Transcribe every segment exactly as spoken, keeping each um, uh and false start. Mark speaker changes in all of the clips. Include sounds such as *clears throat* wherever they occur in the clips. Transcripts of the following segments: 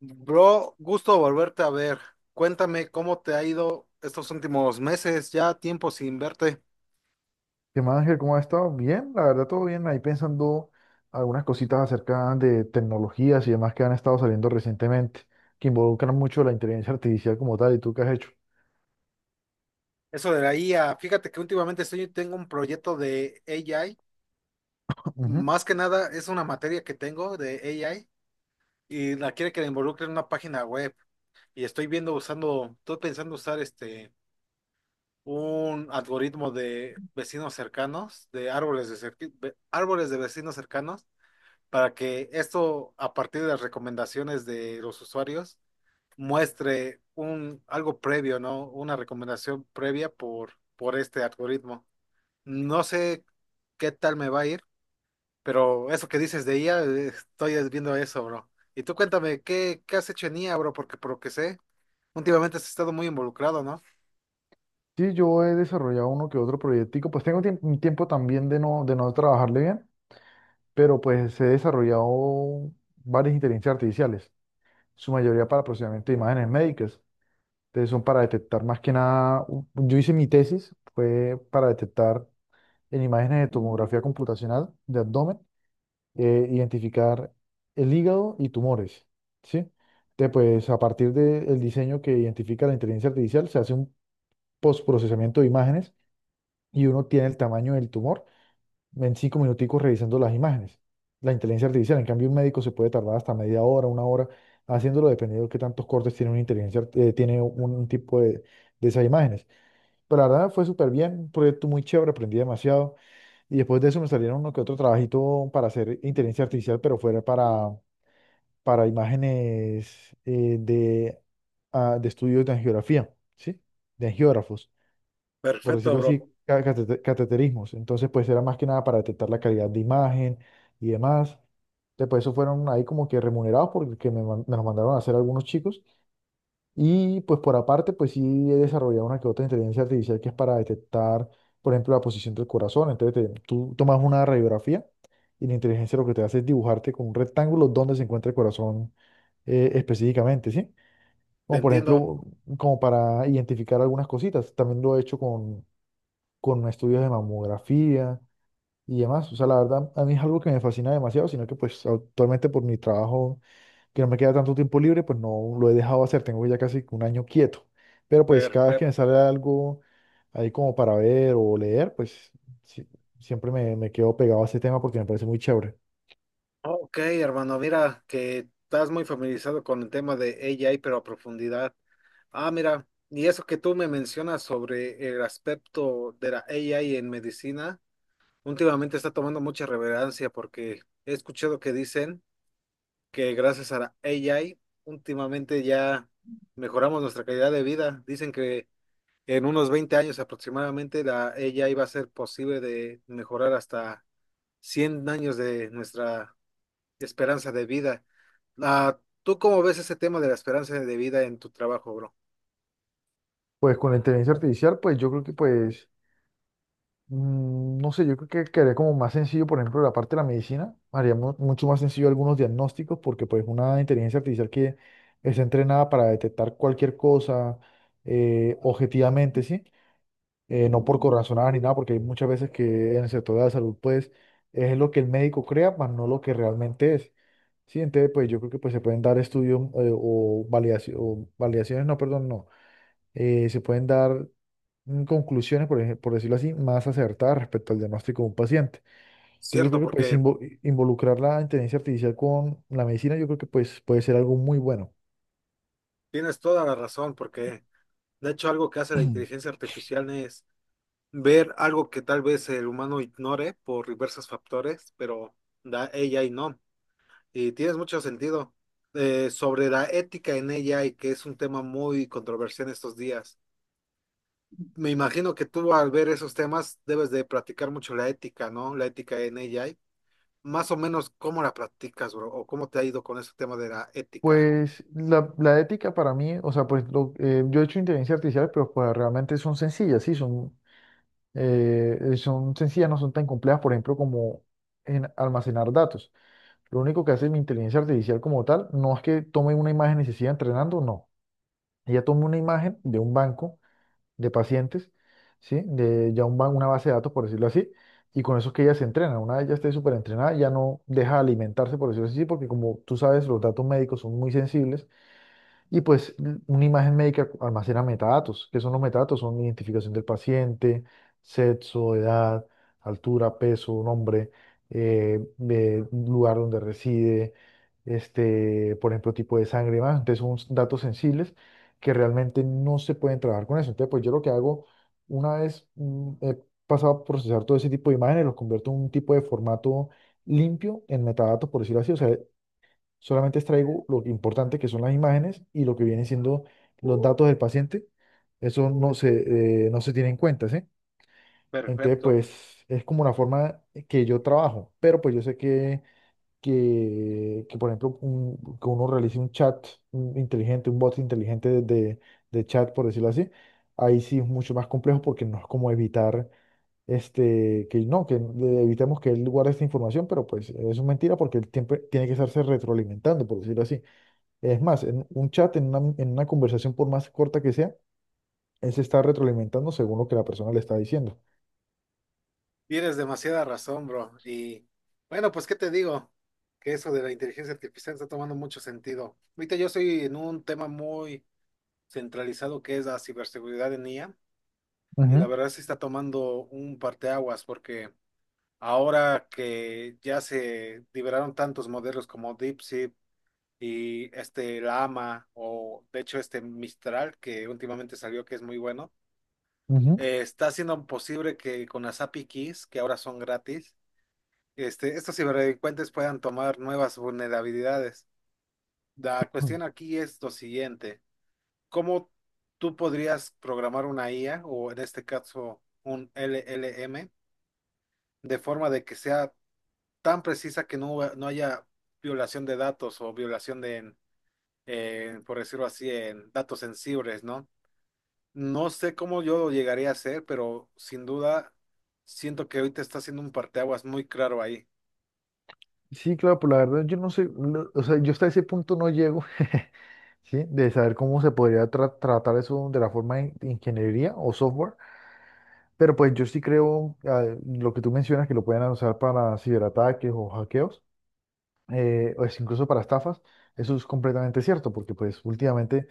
Speaker 1: Bro, gusto volverte a ver. Cuéntame cómo te ha ido estos últimos meses, ya tiempo sin verte.
Speaker 2: ¿Qué más, Ángel? ¿Cómo has estado? Bien, la verdad, todo bien. Ahí pensando algunas cositas acerca de tecnologías y demás que han estado saliendo recientemente, que involucran mucho la inteligencia artificial como tal. ¿Y tú qué has hecho?
Speaker 1: Eso de la I A, fíjate que últimamente estoy, tengo un proyecto de A I.
Speaker 2: Ujú.
Speaker 1: Más que nada es una materia que tengo de A I y la quiere que la involucre en una página web. Y estoy viendo usando, estoy pensando usar este un algoritmo de vecinos cercanos, de árboles de cerqui- ve- árboles de vecinos cercanos, para que esto, a partir de las recomendaciones de los usuarios, muestre un, algo previo, ¿no? Una recomendación previa por, por este algoritmo. No sé qué tal me va a ir, pero eso que dices de I A, eh, estoy viendo eso, bro. Y tú cuéntame, ¿qué, qué has hecho en I A, bro? Porque por lo que sé, últimamente has estado muy involucrado, ¿no?
Speaker 2: Sí, yo he desarrollado uno que otro proyectico. Pues tengo tiemp- un tiempo también de no, de no trabajarle bien, pero pues he desarrollado varias inteligencias artificiales, su mayoría para procesamiento de imágenes médicas. Entonces son para detectar más que nada, u- yo hice mi tesis, fue para detectar en imágenes de tomografía computacional de abdomen, eh, identificar el hígado y tumores, ¿sí? Entonces, pues a partir del diseño que identifica la inteligencia artificial, se hace un postprocesamiento de imágenes y uno tiene el tamaño del tumor en cinco minuticos revisando las imágenes. La inteligencia artificial, en cambio, un médico se puede tardar hasta media hora, una hora, haciéndolo dependiendo de qué tantos cortes tiene una inteligencia, art- eh, tiene un, un tipo de, de esas imágenes. Pero la verdad fue súper bien, un proyecto muy chévere, aprendí demasiado. Y después de eso me salieron uno que otro trabajito para hacer inteligencia artificial, pero fuera para, para imágenes eh, de, ah, de estudios de angiografía, ¿sí? De angiógrafos, por
Speaker 1: Perfecto,
Speaker 2: decirlo
Speaker 1: bro.
Speaker 2: así, ca- catete- cateterismos. Entonces, pues era más que nada para detectar la calidad de imagen y demás. Después, eso fueron ahí como que remunerados porque me, man- me los mandaron a hacer algunos chicos. Y pues por aparte, pues sí he desarrollado una que otra inteligencia artificial que es para detectar, por ejemplo, la posición del corazón. Entonces te- tú tomas una radiografía y la inteligencia lo que te hace es dibujarte con un rectángulo donde se encuentra el corazón, eh, específicamente, ¿sí?
Speaker 1: Te
Speaker 2: Como por
Speaker 1: entiendo.
Speaker 2: ejemplo, como para identificar algunas cositas. También lo he hecho con, con estudios de mamografía y demás. O sea, la verdad, a mí es algo que me fascina demasiado, sino que pues actualmente por mi trabajo que no me queda tanto tiempo libre, pues no lo he dejado hacer, tengo ya casi un año quieto. Pero pues cada vez que me
Speaker 1: Perfecto.
Speaker 2: sale algo ahí como para ver o leer, pues sí, siempre me, me quedo pegado a ese tema porque me parece muy chévere.
Speaker 1: Ok, hermano, mira que estás muy familiarizado con el tema de A I, pero a profundidad. Ah, mira, y eso que tú me mencionas sobre el aspecto de la A I en medicina, últimamente está tomando mucha relevancia porque he escuchado que dicen que gracias a la A I, últimamente ya mejoramos nuestra calidad de vida. Dicen que en unos veinte años aproximadamente la A I va a ser posible de mejorar hasta cien años de nuestra esperanza de vida. Ah, ¿tú cómo ves ese tema de la esperanza de vida en tu trabajo, bro?
Speaker 2: Pues con la inteligencia artificial, pues yo creo que pues, mm, no sé, yo creo que quedaría como más sencillo, por ejemplo, la parte de la medicina, haría mu- mucho más sencillo algunos diagnósticos porque pues una inteligencia artificial que está entrenada para detectar cualquier cosa, eh, objetivamente, ¿sí? eh, no por corazonadas ni nada, porque hay muchas veces que en el sector de la salud, pues, es lo que el médico crea, más no lo que realmente es. Sí, entonces, pues, yo creo que pues, se pueden dar estudios, eh, o, validaci- o validaciones, no, perdón, no, eh, se pueden dar, mm, conclusiones, por ejemplo, por decirlo así, más acertadas respecto al diagnóstico de un paciente. Entonces, yo
Speaker 1: Cierto,
Speaker 2: creo que pues,
Speaker 1: porque
Speaker 2: invo- involucrar la inteligencia artificial con la medicina, yo creo que pues, puede ser algo muy bueno.
Speaker 1: tienes toda la razón, porque de hecho algo que hace la
Speaker 2: *clears throat*
Speaker 1: inteligencia artificial es ver algo que tal vez el humano ignore por diversos factores, pero da ella y no. Y tienes mucho sentido. Eh, sobre la ética en ella y que es un tema muy controversial en estos días. Me imagino que tú al ver esos temas debes de practicar mucho la ética, ¿no? La ética en A I. Más o menos, ¿cómo la practicas, bro? ¿O cómo te ha ido con ese tema de la ética?
Speaker 2: Pues la, la ética para mí, o sea, pues lo- eh, yo he hecho inteligencia artificial, pero pues realmente son sencillas, sí, son, eh, eh, son sencillas, no son tan complejas, por ejemplo, como en almacenar datos. Lo único que hace mi inteligencia artificial como tal, no es que tome una imagen y se siga entrenando, no. Ella toma una imagen de un banco de pacientes, ¿sí? De ya un ban- una base de datos, por decirlo así, y con eso es que ella se entrena. Una vez ya esté súper entrenada, ya no deja de alimentarse, por decirlo así, porque como tú sabes, los datos médicos son muy sensibles y pues un- una imagen médica almacena metadatos. ¿Qué son los metadatos? Son identificación del paciente, sexo, edad, altura, peso, nombre, eh, de lugar donde reside, este, por ejemplo, tipo de sangre y más. Entonces son datos sensibles que realmente no se pueden trabajar con eso. Entonces, pues yo lo que hago, una vez, mm, he pasado a procesar todo ese tipo de imágenes, los convierto en un tipo de formato limpio en metadatos, por decirlo así. O sea, solamente extraigo lo importante que son las imágenes y lo que vienen siendo los datos del paciente. Eso no se, eh, no se tiene en cuenta, ¿sí? Entonces,
Speaker 1: Perfecto.
Speaker 2: pues es como una forma que yo trabajo, pero pues yo sé que, que, que, por ejemplo, un- que uno realice un chat un inteligente, un bot inteligente de, de- de chat, por decirlo así, ahí sí es mucho más complejo porque no es como evitar, este, que no, que le- evitemos que él guarde esta información, pero pues eso es mentira porque él siempre tiene que estarse retroalimentando, por decirlo así. Es más, en un chat, en una, en una conversación, por más corta que sea, él se está retroalimentando según lo que la persona le está diciendo.
Speaker 1: Tienes demasiada razón, bro. Y bueno, pues, ¿qué te digo? Que eso de la inteligencia artificial está tomando mucho sentido. Ahorita yo estoy en un tema muy centralizado que es la ciberseguridad en I A y la
Speaker 2: Ujú,
Speaker 1: verdad se está tomando un parteaguas porque ahora que ya se liberaron tantos modelos como DeepSeek y este Llama o de hecho este Mistral que últimamente salió que es muy bueno,
Speaker 2: ujú.
Speaker 1: eh, está haciendo posible que con las A P I Keys, que ahora son gratis, este, estos ciberdelincuentes puedan tomar nuevas vulnerabilidades. La
Speaker 2: Mm.
Speaker 1: cuestión aquí es lo siguiente, ¿cómo tú podrías programar una I A o en este caso un L L M de forma de que sea tan precisa que no, huba- no haya violación de datos o violación de, en- en, por decirlo así, en datos sensibles, ¿no? No sé cómo yo lo llegaría a hacer, pero sin duda siento que ahorita está haciendo un parteaguas muy claro ahí.
Speaker 2: Sí, claro, pero la verdad yo no sé, no- o sea, yo hasta ese punto no llego, *laughs* ¿sí? De saber cómo se podría tra- tratar eso de la forma de ingeniería o software, pero pues yo sí creo, ah, lo que tú mencionas que lo pueden usar para ciberataques o hackeos, eh, o es incluso para estafas, eso es completamente cierto, porque pues últimamente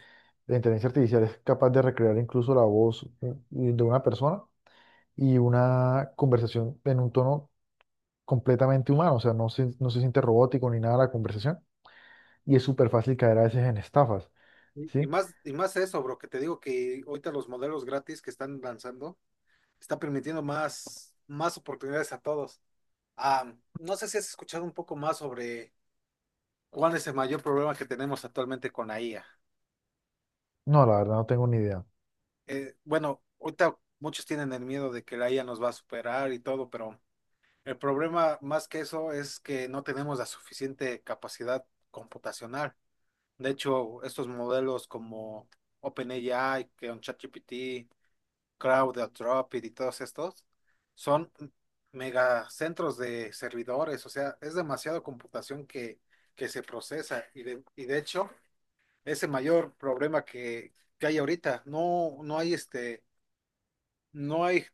Speaker 2: la inteligencia artificial es capaz de recrear incluso la voz, eh, de una persona y una conversación en un tono completamente humano, o sea, no se, no se siente robótico ni nada la conversación y es súper fácil caer a veces en estafas,
Speaker 1: Y y
Speaker 2: ¿sí?
Speaker 1: más, y más eso, bro, que te digo que ahorita los modelos gratis que están lanzando está permitiendo más, más oportunidades a todos. Ah, no sé si has escuchado un poco más sobre cuál es el mayor problema que tenemos actualmente con la I A.
Speaker 2: No, la verdad no tengo ni idea.
Speaker 1: Eh, bueno, ahorita muchos tienen el miedo de que la I A nos va a superar y todo, pero el problema más que eso es que no tenemos la suficiente capacidad computacional. De hecho, estos modelos como OpenAI, que un ChatGPT, Crowd, Dropit y todos estos, son megacentros de servidores, o sea, es demasiado computación que, que se procesa y de, y de hecho es el mayor problema que, que hay ahorita. No, no hay este, no hay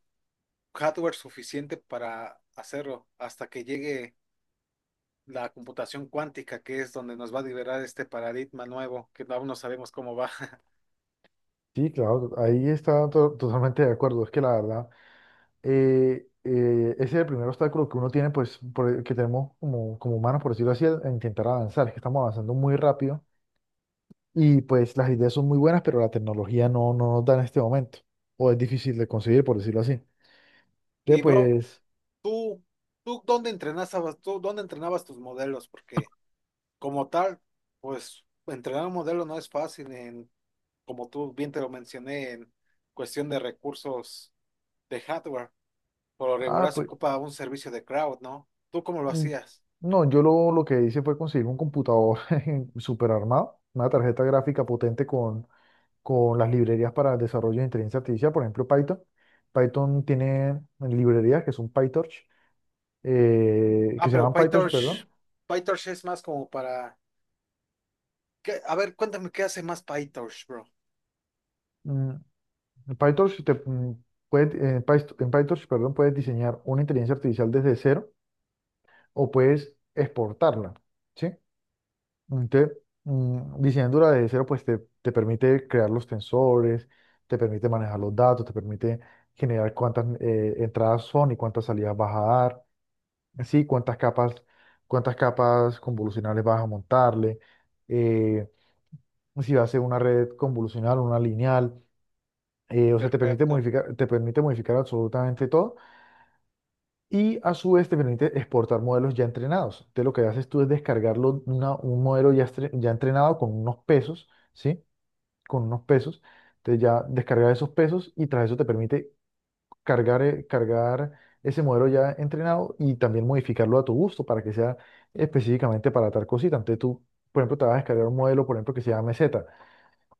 Speaker 1: hardware suficiente para hacerlo hasta que llegue la computación cuántica, que es donde nos va a liberar este paradigma nuevo, que aún no sabemos cómo va. *laughs*
Speaker 2: Sí, claro, ahí está to- totalmente de acuerdo, es que la verdad, eh, eh, ese es el primer obstáculo que uno tiene, pues, por el que tenemos como, como humanos, por decirlo así, a a intentar avanzar. Es que estamos avanzando muy rápido y pues las ideas son muy buenas, pero la tecnología no, no nos da en este momento. O es difícil de conseguir, por decirlo así.
Speaker 1: Y
Speaker 2: Entonces,
Speaker 1: bro,
Speaker 2: pues,
Speaker 1: tú, tú, ¿dónde entrenabas, tú, dónde entrenabas tus modelos? Porque como tal, pues entrenar un modelo no es fácil en, como tú bien te lo mencioné, en cuestión de recursos de hardware. Por lo
Speaker 2: ah,
Speaker 1: regular se
Speaker 2: pues,
Speaker 1: ocupa un servicio de cloud, ¿no? ¿Tú cómo lo
Speaker 2: mm,
Speaker 1: hacías?
Speaker 2: no, yo lo, lo que hice fue conseguir un computador *laughs* super armado, una tarjeta gráfica potente con, con las librerías para el desarrollo de inteligencia artificial, por ejemplo, Python. Python tiene librerías que son PyTorch, eh,
Speaker 1: Ah,
Speaker 2: que se
Speaker 1: pero
Speaker 2: llaman PyTorch,
Speaker 1: PyTorch,
Speaker 2: perdón.
Speaker 1: PyTorch es más como para... ¿qué? A ver, cuéntame qué hace más PyTorch, bro.
Speaker 2: Mm, en PyTorch te, mm, puedes, en Pyst- en PyTorch, perdón, puedes diseñar una inteligencia artificial desde cero o puedes exportarla, ¿sí? Entonces, mm, diseñándola desde cero, pues te, te permite crear los tensores, te permite manejar los datos, te permite generar cuántas, eh, entradas son y cuántas salidas vas a dar, ¿sí? Cuántas capas, cuántas capas convolucionales vas a montarle, eh, si va a ser una red convolucional, una lineal. Eh, o sea, te permite
Speaker 1: Perfecto.
Speaker 2: modificar, te permite modificar absolutamente todo y a su vez te permite exportar modelos ya entrenados. Entonces lo que haces tú es descargarlo una- un modelo ya, estre- ya entrenado con unos pesos, ¿sí? Con unos pesos. Entonces ya descargar esos pesos y tras eso te permite cargar, eh, cargar ese modelo ya entrenado y también modificarlo a tu gusto para que sea específicamente para tal cosita. Entonces tú, por ejemplo, te vas a descargar un modelo, por ejemplo, que se llame M Z.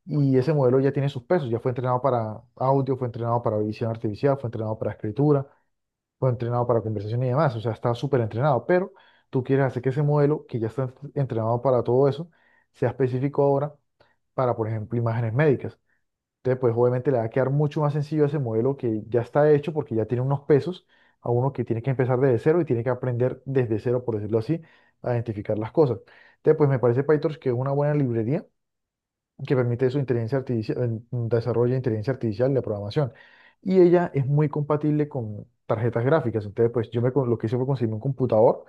Speaker 2: Y ese modelo ya tiene sus pesos, ya fue entrenado para audio, fue entrenado para visión artificial, fue entrenado para escritura, fue entrenado para conversación y demás, o sea, está súper entrenado, pero tú quieres hacer que ese modelo, que ya está entrenado para todo eso, sea específico ahora para, por ejemplo, imágenes médicas. Entonces, pues obviamente le va a quedar mucho más sencillo a ese modelo que ya está hecho porque ya tiene unos pesos a uno que tiene que empezar desde cero y tiene que aprender desde cero, por decirlo así, a identificar las cosas. Entonces, pues me parece PyTorch que es una buena librería que permite su inteligencia artificial, desarrollo de inteligencia artificial de programación. Y ella es muy compatible con tarjetas gráficas. Entonces, pues yo me, con- lo que hice fue conseguir un computador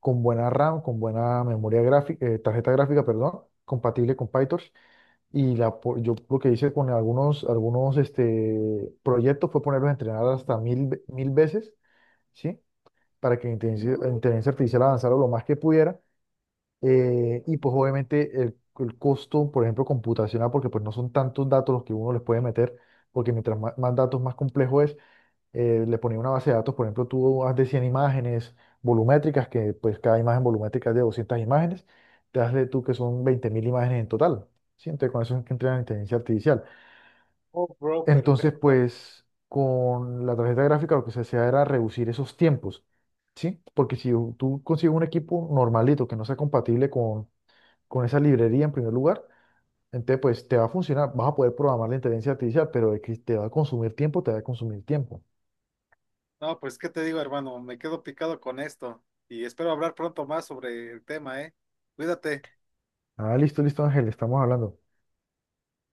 Speaker 2: con buena RAM, con buena memoria gráfica, eh, tarjeta gráfica, perdón, compatible con PyTorch. Y la, po- yo lo que hice con algunos, algunos este, proyectos fue ponerlos a entrenar hasta mil, ve- mil veces, ¿sí? Para que la inteligencia, la inteligencia artificial avanzara lo más que pudiera, eh, y pues obviamente el, el costo, por ejemplo, computacional, porque pues no son tantos datos los que uno les puede meter, porque mientras más, más datos, más complejo es, eh, le ponía una base de datos, por ejemplo, tú haz de cien imágenes volumétricas, que pues cada imagen volumétrica es de doscientas imágenes, te hazle tú que son veinte mil imágenes en total, ¿sí? Entonces con eso es que entra la inteligencia artificial.
Speaker 1: Oh, bro,
Speaker 2: Entonces
Speaker 1: perfecto.
Speaker 2: pues con la tarjeta gráfica lo que se hacía era reducir esos tiempos. ¿Sí? Porque si u- tú consigues un equipo normalito que no sea compatible con, con, esa librería en primer lugar. Entonces, pues te va a funcionar, vas a poder programar la inteligencia artificial, pero de que te va a consumir tiempo, te va a consumir tiempo.
Speaker 1: No, pues, ¿qué te digo, hermano? Me quedo picado con esto y espero hablar pronto más sobre el tema, ¿eh? Cuídate.
Speaker 2: Ah, listo, listo, Ángel, estamos hablando.